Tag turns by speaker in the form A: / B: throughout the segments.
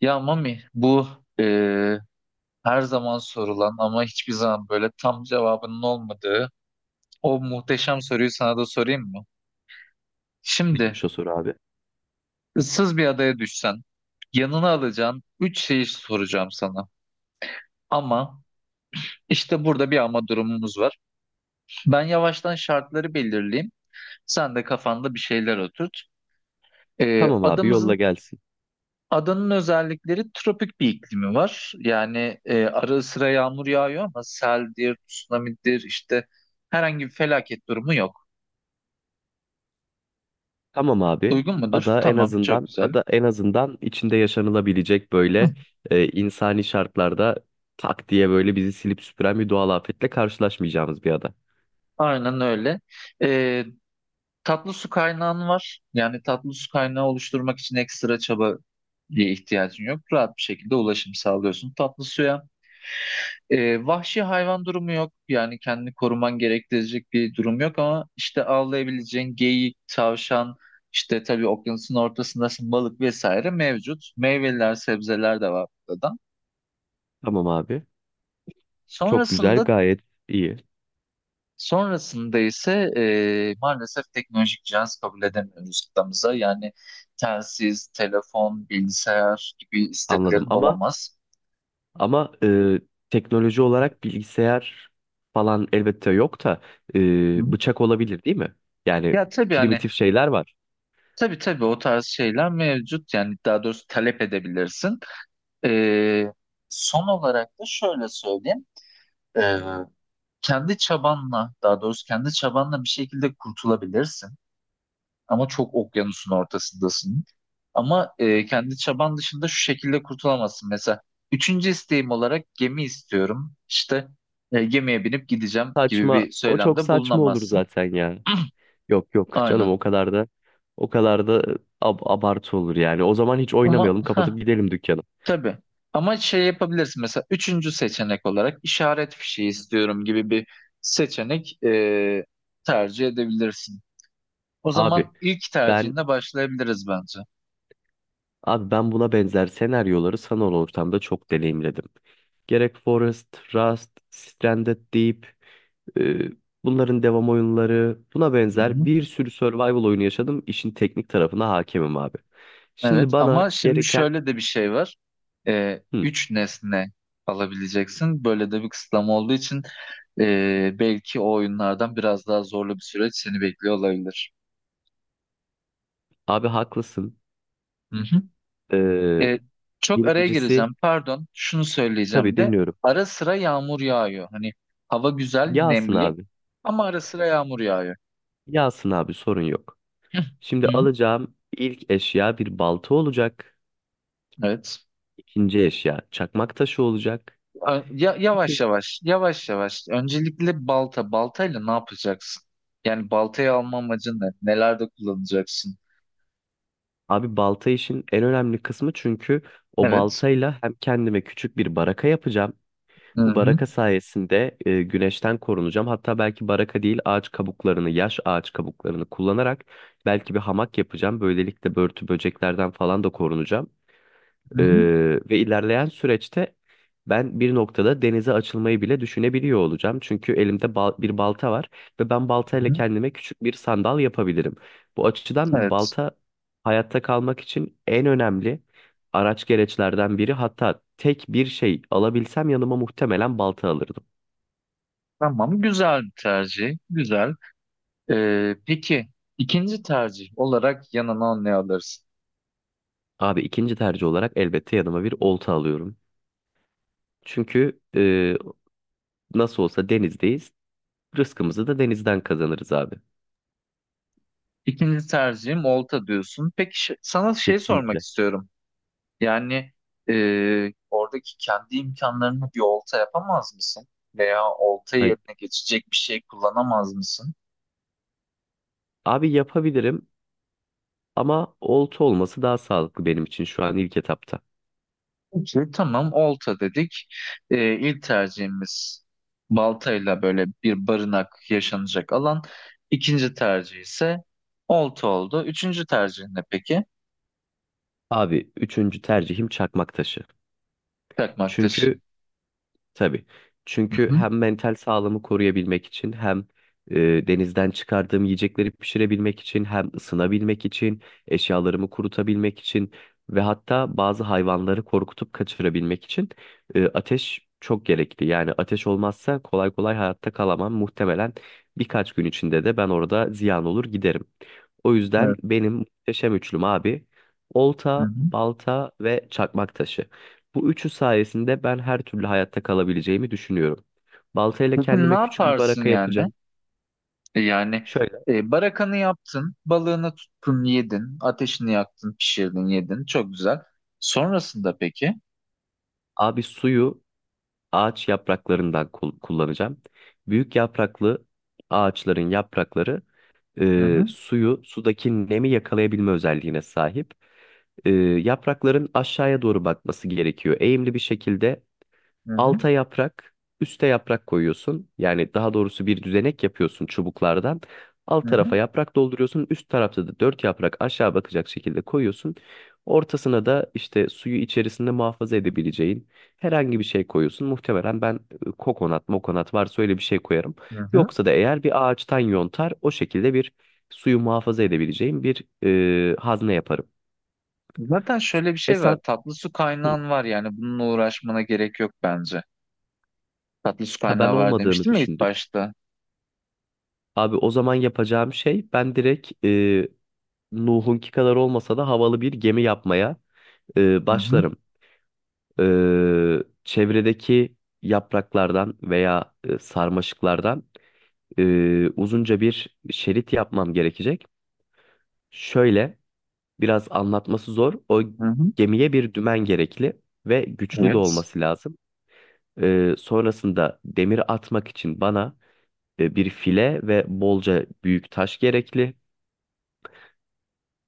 A: Ya Mami, bu e, her zaman sorulan ama hiçbir zaman böyle tam cevabının olmadığı o muhteşem soruyu sana da sorayım mı? Şimdi
B: Neymiş o soru, abi?
A: ıssız bir adaya düşsen yanına alacağın üç şeyi soracağım sana. Ama işte burada bir ama durumumuz var. Ben yavaştan şartları belirleyeyim. Sen de kafanda bir şeyler oturt. E,
B: Tamam abi, yolla
A: adamızın
B: gelsin.
A: Adanın özellikleri tropik bir iklimi var. Yani ara sıra yağmur yağıyor ama seldir, tsunamidir işte herhangi bir felaket durumu yok.
B: Tamam abi.
A: Uygun mudur?
B: Ada en
A: Tamam, çok
B: azından
A: güzel.
B: ada en azından içinde yaşanılabilecek, böyle insani şartlarda, tak diye böyle bizi silip süpüren bir doğal afetle karşılaşmayacağımız bir ada.
A: Aynen öyle. E, Tatlı su kaynağın var. Yani tatlı su kaynağı oluşturmak için ekstra çaba diye ihtiyacın yok. Rahat bir şekilde ulaşım sağlıyorsun tatlı suya. Vahşi hayvan durumu yok. Yani kendini koruman gerektirecek bir durum yok ama işte avlayabileceğin geyik, tavşan, işte tabii okyanusun ortasındasın balık vesaire mevcut. Meyveler, sebzeler de var burada.
B: Tamam abi. Çok güzel,
A: Sonrasında
B: gayet iyi.
A: sonrasında ise maalesef teknolojik cihaz kabul edemiyoruz kıtamıza. Yani telsiz, telefon, bilgisayar gibi
B: Anladım
A: isteklerin
B: ama,
A: olamaz.
B: ama e, teknoloji olarak bilgisayar falan elbette yok da
A: Hı hı.
B: bıçak olabilir değil mi? Yani
A: Ya tabii hani
B: primitif şeyler var.
A: tabii o tarz şeyler mevcut. Yani daha doğrusu talep edebilirsin. Ee, Son olarak da şöyle söyleyeyim. Ee, Kendi çabanla, daha doğrusu kendi çabanla bir şekilde kurtulabilirsin. Ama çok okyanusun ortasındasın. Ama kendi çaban dışında şu şekilde kurtulamazsın. Mesela üçüncü isteğim olarak gemi istiyorum. İşte gemiye binip gideceğim gibi
B: Saçma.
A: bir
B: O çok
A: söylemde
B: saçma olur
A: bulunamazsın.
B: zaten ya. Yok yok canım,
A: Aynen.
B: o kadar da abartı olur yani. O zaman hiç
A: Ama
B: oynamayalım, kapatıp gidelim dükkanı.
A: tabii. Ama şey yapabilirsin, mesela üçüncü seçenek olarak işaret fişeği istiyorum gibi bir seçenek tercih edebilirsin. O zaman
B: Abi
A: ilk
B: ben
A: tercihinde başlayabiliriz bence.
B: abi ben buna benzer senaryoları sanal ortamda çok deneyimledim. Gerek Forest, Rust, Stranded Deep. Ee, Bunların devam oyunları, buna
A: Hı
B: benzer
A: hı.
B: bir sürü survival oyunu yaşadım. İşin teknik tarafına hakemim abi. Şimdi
A: Evet,
B: bana
A: ama şimdi
B: gereken.
A: şöyle de bir şey var.
B: Hı,
A: Üç nesne alabileceksin. Böyle de bir kısıtlama olduğu için belki o oyunlardan biraz daha zorlu bir süreç seni bekliyor olabilir.
B: abi haklısın.
A: Hı hı.
B: Ee,
A: E, Çok araya
B: Birincisi,
A: gireceğim. Pardon, şunu söyleyeceğim
B: tabii
A: de.
B: dinliyorum.
A: Ara sıra yağmur yağıyor. Hani hava güzel,
B: Yağsın
A: nemli
B: abi.
A: ama ara sıra yağmur yağıyor.
B: Yağsın abi, sorun yok.
A: Hı
B: Şimdi
A: hı.
B: alacağım ilk eşya bir balta olacak.
A: Evet.
B: İkinci eşya çakmak taşı olacak.
A: Ya, yavaş
B: Üçüncü.
A: yavaş, yavaş yavaş. Öncelikle balta. Baltayla ne yapacaksın? Yani baltayı alma amacın ne? Nelerde kullanacaksın?
B: Abi, balta işin en önemli kısmı çünkü o
A: Evet.
B: baltayla hem kendime küçük bir baraka yapacağım.
A: Hı
B: Bu
A: hı.
B: baraka sayesinde güneşten korunacağım. Hatta belki baraka değil, ağaç kabuklarını, yaş ağaç kabuklarını kullanarak belki bir hamak yapacağım. Böylelikle börtü böceklerden falan da korunacağım.
A: Hı hı.
B: Ee, Ve ilerleyen süreçte ben bir noktada denize açılmayı bile düşünebiliyor olacağım. Çünkü elimde bir balta var ve ben
A: Hı
B: baltayla
A: hı.
B: kendime küçük bir sandal yapabilirim. Bu açıdan
A: Evet.
B: balta hayatta kalmak için en önemli araç gereçlerden biri. Hatta tek bir şey alabilsem yanıma muhtemelen balta alırdım.
A: Tamam. Güzel bir tercih. Güzel. Peki ikinci tercih olarak yanına ne alırsın?
B: Abi, ikinci tercih olarak elbette yanıma bir olta alıyorum. Çünkü nasıl olsa denizdeyiz. Rızkımızı da denizden kazanırız abi.
A: İkinci tercihim olta diyorsun. Peki sana şey sormak
B: Kesinlikle.
A: istiyorum. Yani oradaki kendi imkanlarını bir olta yapamaz mısın? Veya olta yerine geçecek bir şey kullanamaz mısın?
B: Abi yapabilirim ama olta olması daha sağlıklı benim için şu an ilk etapta.
A: Peki. Tamam, olta dedik. İlk tercihimiz baltayla böyle bir barınak, yaşanacak alan. İkinci tercih ise olta oldu. Üçüncü tercih ne peki?
B: Abi, üçüncü tercihim çakmak taşı.
A: Takmak taşı.
B: Çünkü Tabii.
A: Hı
B: Çünkü
A: hı.
B: hem mental sağlığımı koruyabilmek için, hem e, denizden çıkardığım yiyecekleri pişirebilmek için, hem ısınabilmek için, eşyalarımı kurutabilmek için ve hatta bazı hayvanları korkutup kaçırabilmek için ateş çok gerekli. Yani ateş olmazsa kolay kolay hayatta kalamam. Muhtemelen birkaç gün içinde de ben orada ziyan olur giderim. O yüzden
A: Evet.
B: benim muhteşem üçlüm abi:
A: Hı
B: olta,
A: hı.
B: balta ve çakmak taşı. Bu üçü sayesinde ben her türlü hayatta kalabileceğimi düşünüyorum. Baltayla
A: Peki ne
B: kendime küçük bir
A: yaparsın
B: baraka
A: yani?
B: yapacağım.
A: Yani
B: Şöyle.
A: barakanı yaptın, balığını tuttun, yedin, ateşini yaktın, pişirdin, yedin. Çok güzel. Sonrasında peki?
B: Abi, suyu ağaç yapraklarından kullanacağım. Büyük yapraklı ağaçların yaprakları
A: Hı
B: e,
A: hı,
B: suyu sudaki nemi yakalayabilme özelliğine sahip. Yaprakların aşağıya doğru bakması gerekiyor. Eğimli bir şekilde
A: hı hı,
B: alta yaprak, üste yaprak koyuyorsun. Yani daha doğrusu bir düzenek yapıyorsun çubuklardan. Alt
A: hı hı,
B: tarafa yaprak dolduruyorsun. Üst tarafta da dört yaprak aşağı bakacak şekilde koyuyorsun. Ortasına da işte suyu içerisinde muhafaza edebileceğin herhangi bir şey koyuyorsun. Muhtemelen ben kokonat, mokonat varsa öyle bir şey koyarım.
A: hı hı.
B: Yoksa da eğer bir ağaçtan yontar o şekilde bir suyu muhafaza edebileceğim bir hazne yaparım.
A: Zaten şöyle bir
B: E
A: şey var.
B: sen,
A: Tatlı su
B: hı,
A: kaynağın var, yani bununla uğraşmana gerek yok bence. Tatlı su
B: ha, ben
A: kaynağı var
B: olmadığını
A: demiştim ya ilk
B: düşündüm.
A: başta.
B: Abi, o zaman yapacağım şey, ben direkt Nuh'unki kadar olmasa da havalı bir gemi yapmaya
A: Hı hı,
B: başlarım. E, Çevredeki yapraklardan veya sarmaşıklardan uzunca bir şerit yapmam gerekecek. Şöyle, biraz anlatması zor. O
A: hı hı.
B: gemiye bir dümen gerekli ve güçlü de
A: Evet.
B: olması lazım. Sonrasında demir atmak için bana bir file ve bolca büyük taş gerekli.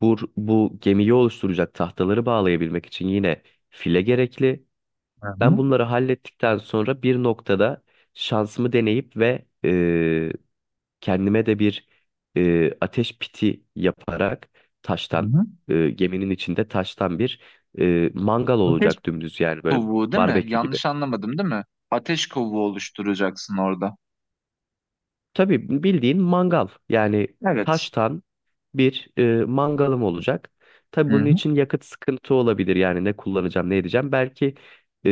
B: Bu gemiyi oluşturacak tahtaları bağlayabilmek için yine file gerekli.
A: Hı
B: Ben
A: hı,
B: bunları hallettikten sonra bir noktada şansımı deneyip ve kendime de bir ateş piti yaparak
A: hı
B: taştan,
A: hı.
B: geminin içinde taştan bir mangal
A: Ateş
B: olacak dümdüz, yani böyle
A: kovuğu değil mi?
B: barbekü gibi.
A: Yanlış anlamadım değil mi? Ateş kovuğu oluşturacaksın orada.
B: Tabii bildiğin mangal, yani
A: Evet.
B: taştan bir mangalım olacak. Tabii
A: Hı
B: bunun
A: hı,
B: için yakıt sıkıntı olabilir. Yani ne kullanacağım, ne edeceğim. Belki e,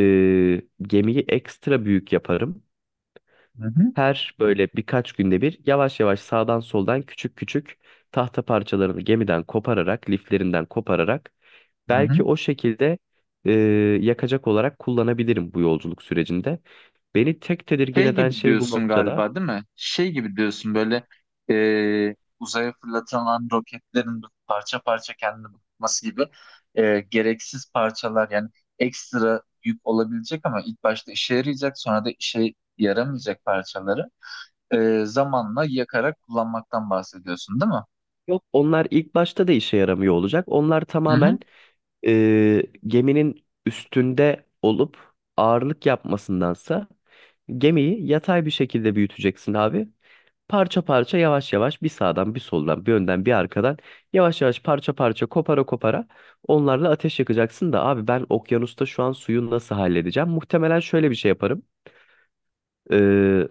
B: gemiyi ekstra büyük yaparım.
A: hı hı,
B: Her böyle birkaç günde bir, yavaş yavaş sağdan soldan küçük küçük tahta parçalarını gemiden kopararak, liflerinden kopararak
A: hı
B: belki
A: hı.
B: o şekilde e, yakacak olarak kullanabilirim bu yolculuk sürecinde. Beni tek tedirgin
A: Şey
B: eden
A: gibi
B: şey bu
A: diyorsun
B: noktada.
A: galiba değil mi? Şey gibi diyorsun, böyle uzaya fırlatılan roketlerin parça parça kendini bulması gibi gereksiz parçalar, yani ekstra yük olabilecek ama ilk başta işe yarayacak sonra da işe yaramayacak parçaları zamanla yakarak kullanmaktan bahsediyorsun değil mi?
B: Yok, onlar ilk başta da işe yaramıyor olacak. Onlar
A: Hı hı.
B: tamamen geminin üstünde olup ağırlık yapmasındansa gemiyi yatay bir şekilde büyüteceksin abi. Parça parça, yavaş yavaş, bir sağdan bir soldan bir önden bir arkadan, yavaş yavaş, parça parça kopara kopara onlarla ateş yakacaksın da abi, ben okyanusta şu an suyu nasıl halledeceğim? Muhtemelen şöyle bir şey yaparım. Ee,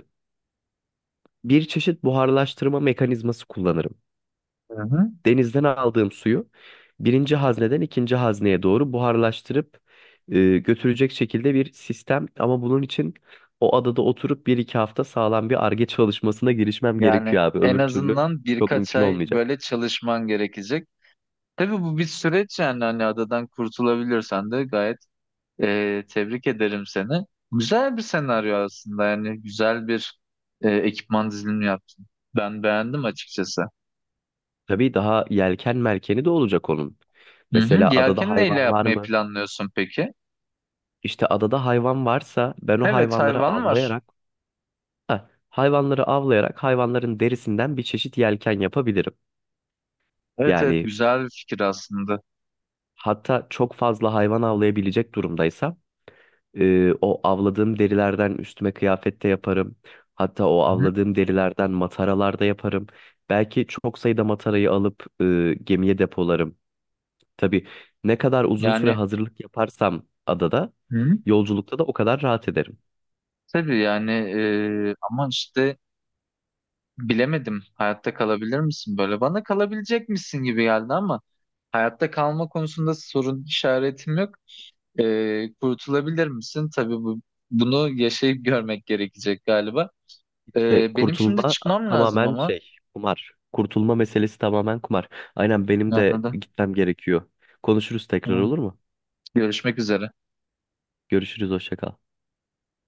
B: Bir çeşit buharlaştırma mekanizması kullanırım.
A: Hı hı.
B: Denizden aldığım suyu birinci hazneden ikinci hazneye doğru buharlaştırıp götürecek şekilde bir sistem. Ama bunun için o adada oturup bir iki hafta sağlam bir arge çalışmasına girişmem
A: Yani
B: gerekiyor abi.
A: en
B: Öbür türlü
A: azından
B: çok
A: birkaç
B: mümkün
A: ay
B: olmayacak.
A: böyle çalışman gerekecek. Tabii bu bir süreç, yani hani adadan kurtulabilirsen de gayet. Tebrik ederim seni. Güzel bir senaryo aslında, yani güzel bir ekipman dizilimi yaptın. Ben beğendim açıkçası.
B: Tabii daha yelken merkeni de olacak onun.
A: Hı
B: Mesela
A: hı.
B: adada
A: Yelkeni neyle
B: hayvan var
A: yapmayı
B: mı?
A: planlıyorsun peki?
B: İşte adada hayvan varsa ben o
A: Evet,
B: hayvanları
A: hayvan var.
B: avlayarak, heh, hayvanları avlayarak hayvanların derisinden bir çeşit yelken yapabilirim.
A: Evet evet,
B: Yani,
A: güzel bir fikir aslında.
B: hatta çok fazla hayvan avlayabilecek durumdaysa o avladığım derilerden üstüme kıyafet de yaparım. Hatta o
A: Hı hı.
B: avladığım derilerden mataralar da yaparım. Belki çok sayıda matarayı alıp gemiye depolarım. Tabii ne kadar uzun süre
A: Yani
B: hazırlık yaparsam adada,
A: hı hı.
B: yolculukta da o kadar rahat ederim.
A: Tabii yani ama işte bilemedim, hayatta kalabilir misin böyle? Bana kalabilecek misin gibi geldi ama hayatta kalma konusunda sorun işaretim yok. Kurtulabilir misin? Tabii bunu yaşayıp görmek gerekecek galiba.
B: İşte
A: Benim şimdi
B: kurtulma
A: çıkmam lazım
B: tamamen
A: ama.
B: şey, kumar. Kurtulma meselesi tamamen kumar. Aynen, benim de
A: Anladım.
B: gitmem gerekiyor. Konuşuruz tekrar,
A: Tamam.
B: olur mu?
A: Görüşmek üzere.
B: Görüşürüz, hoşça kal.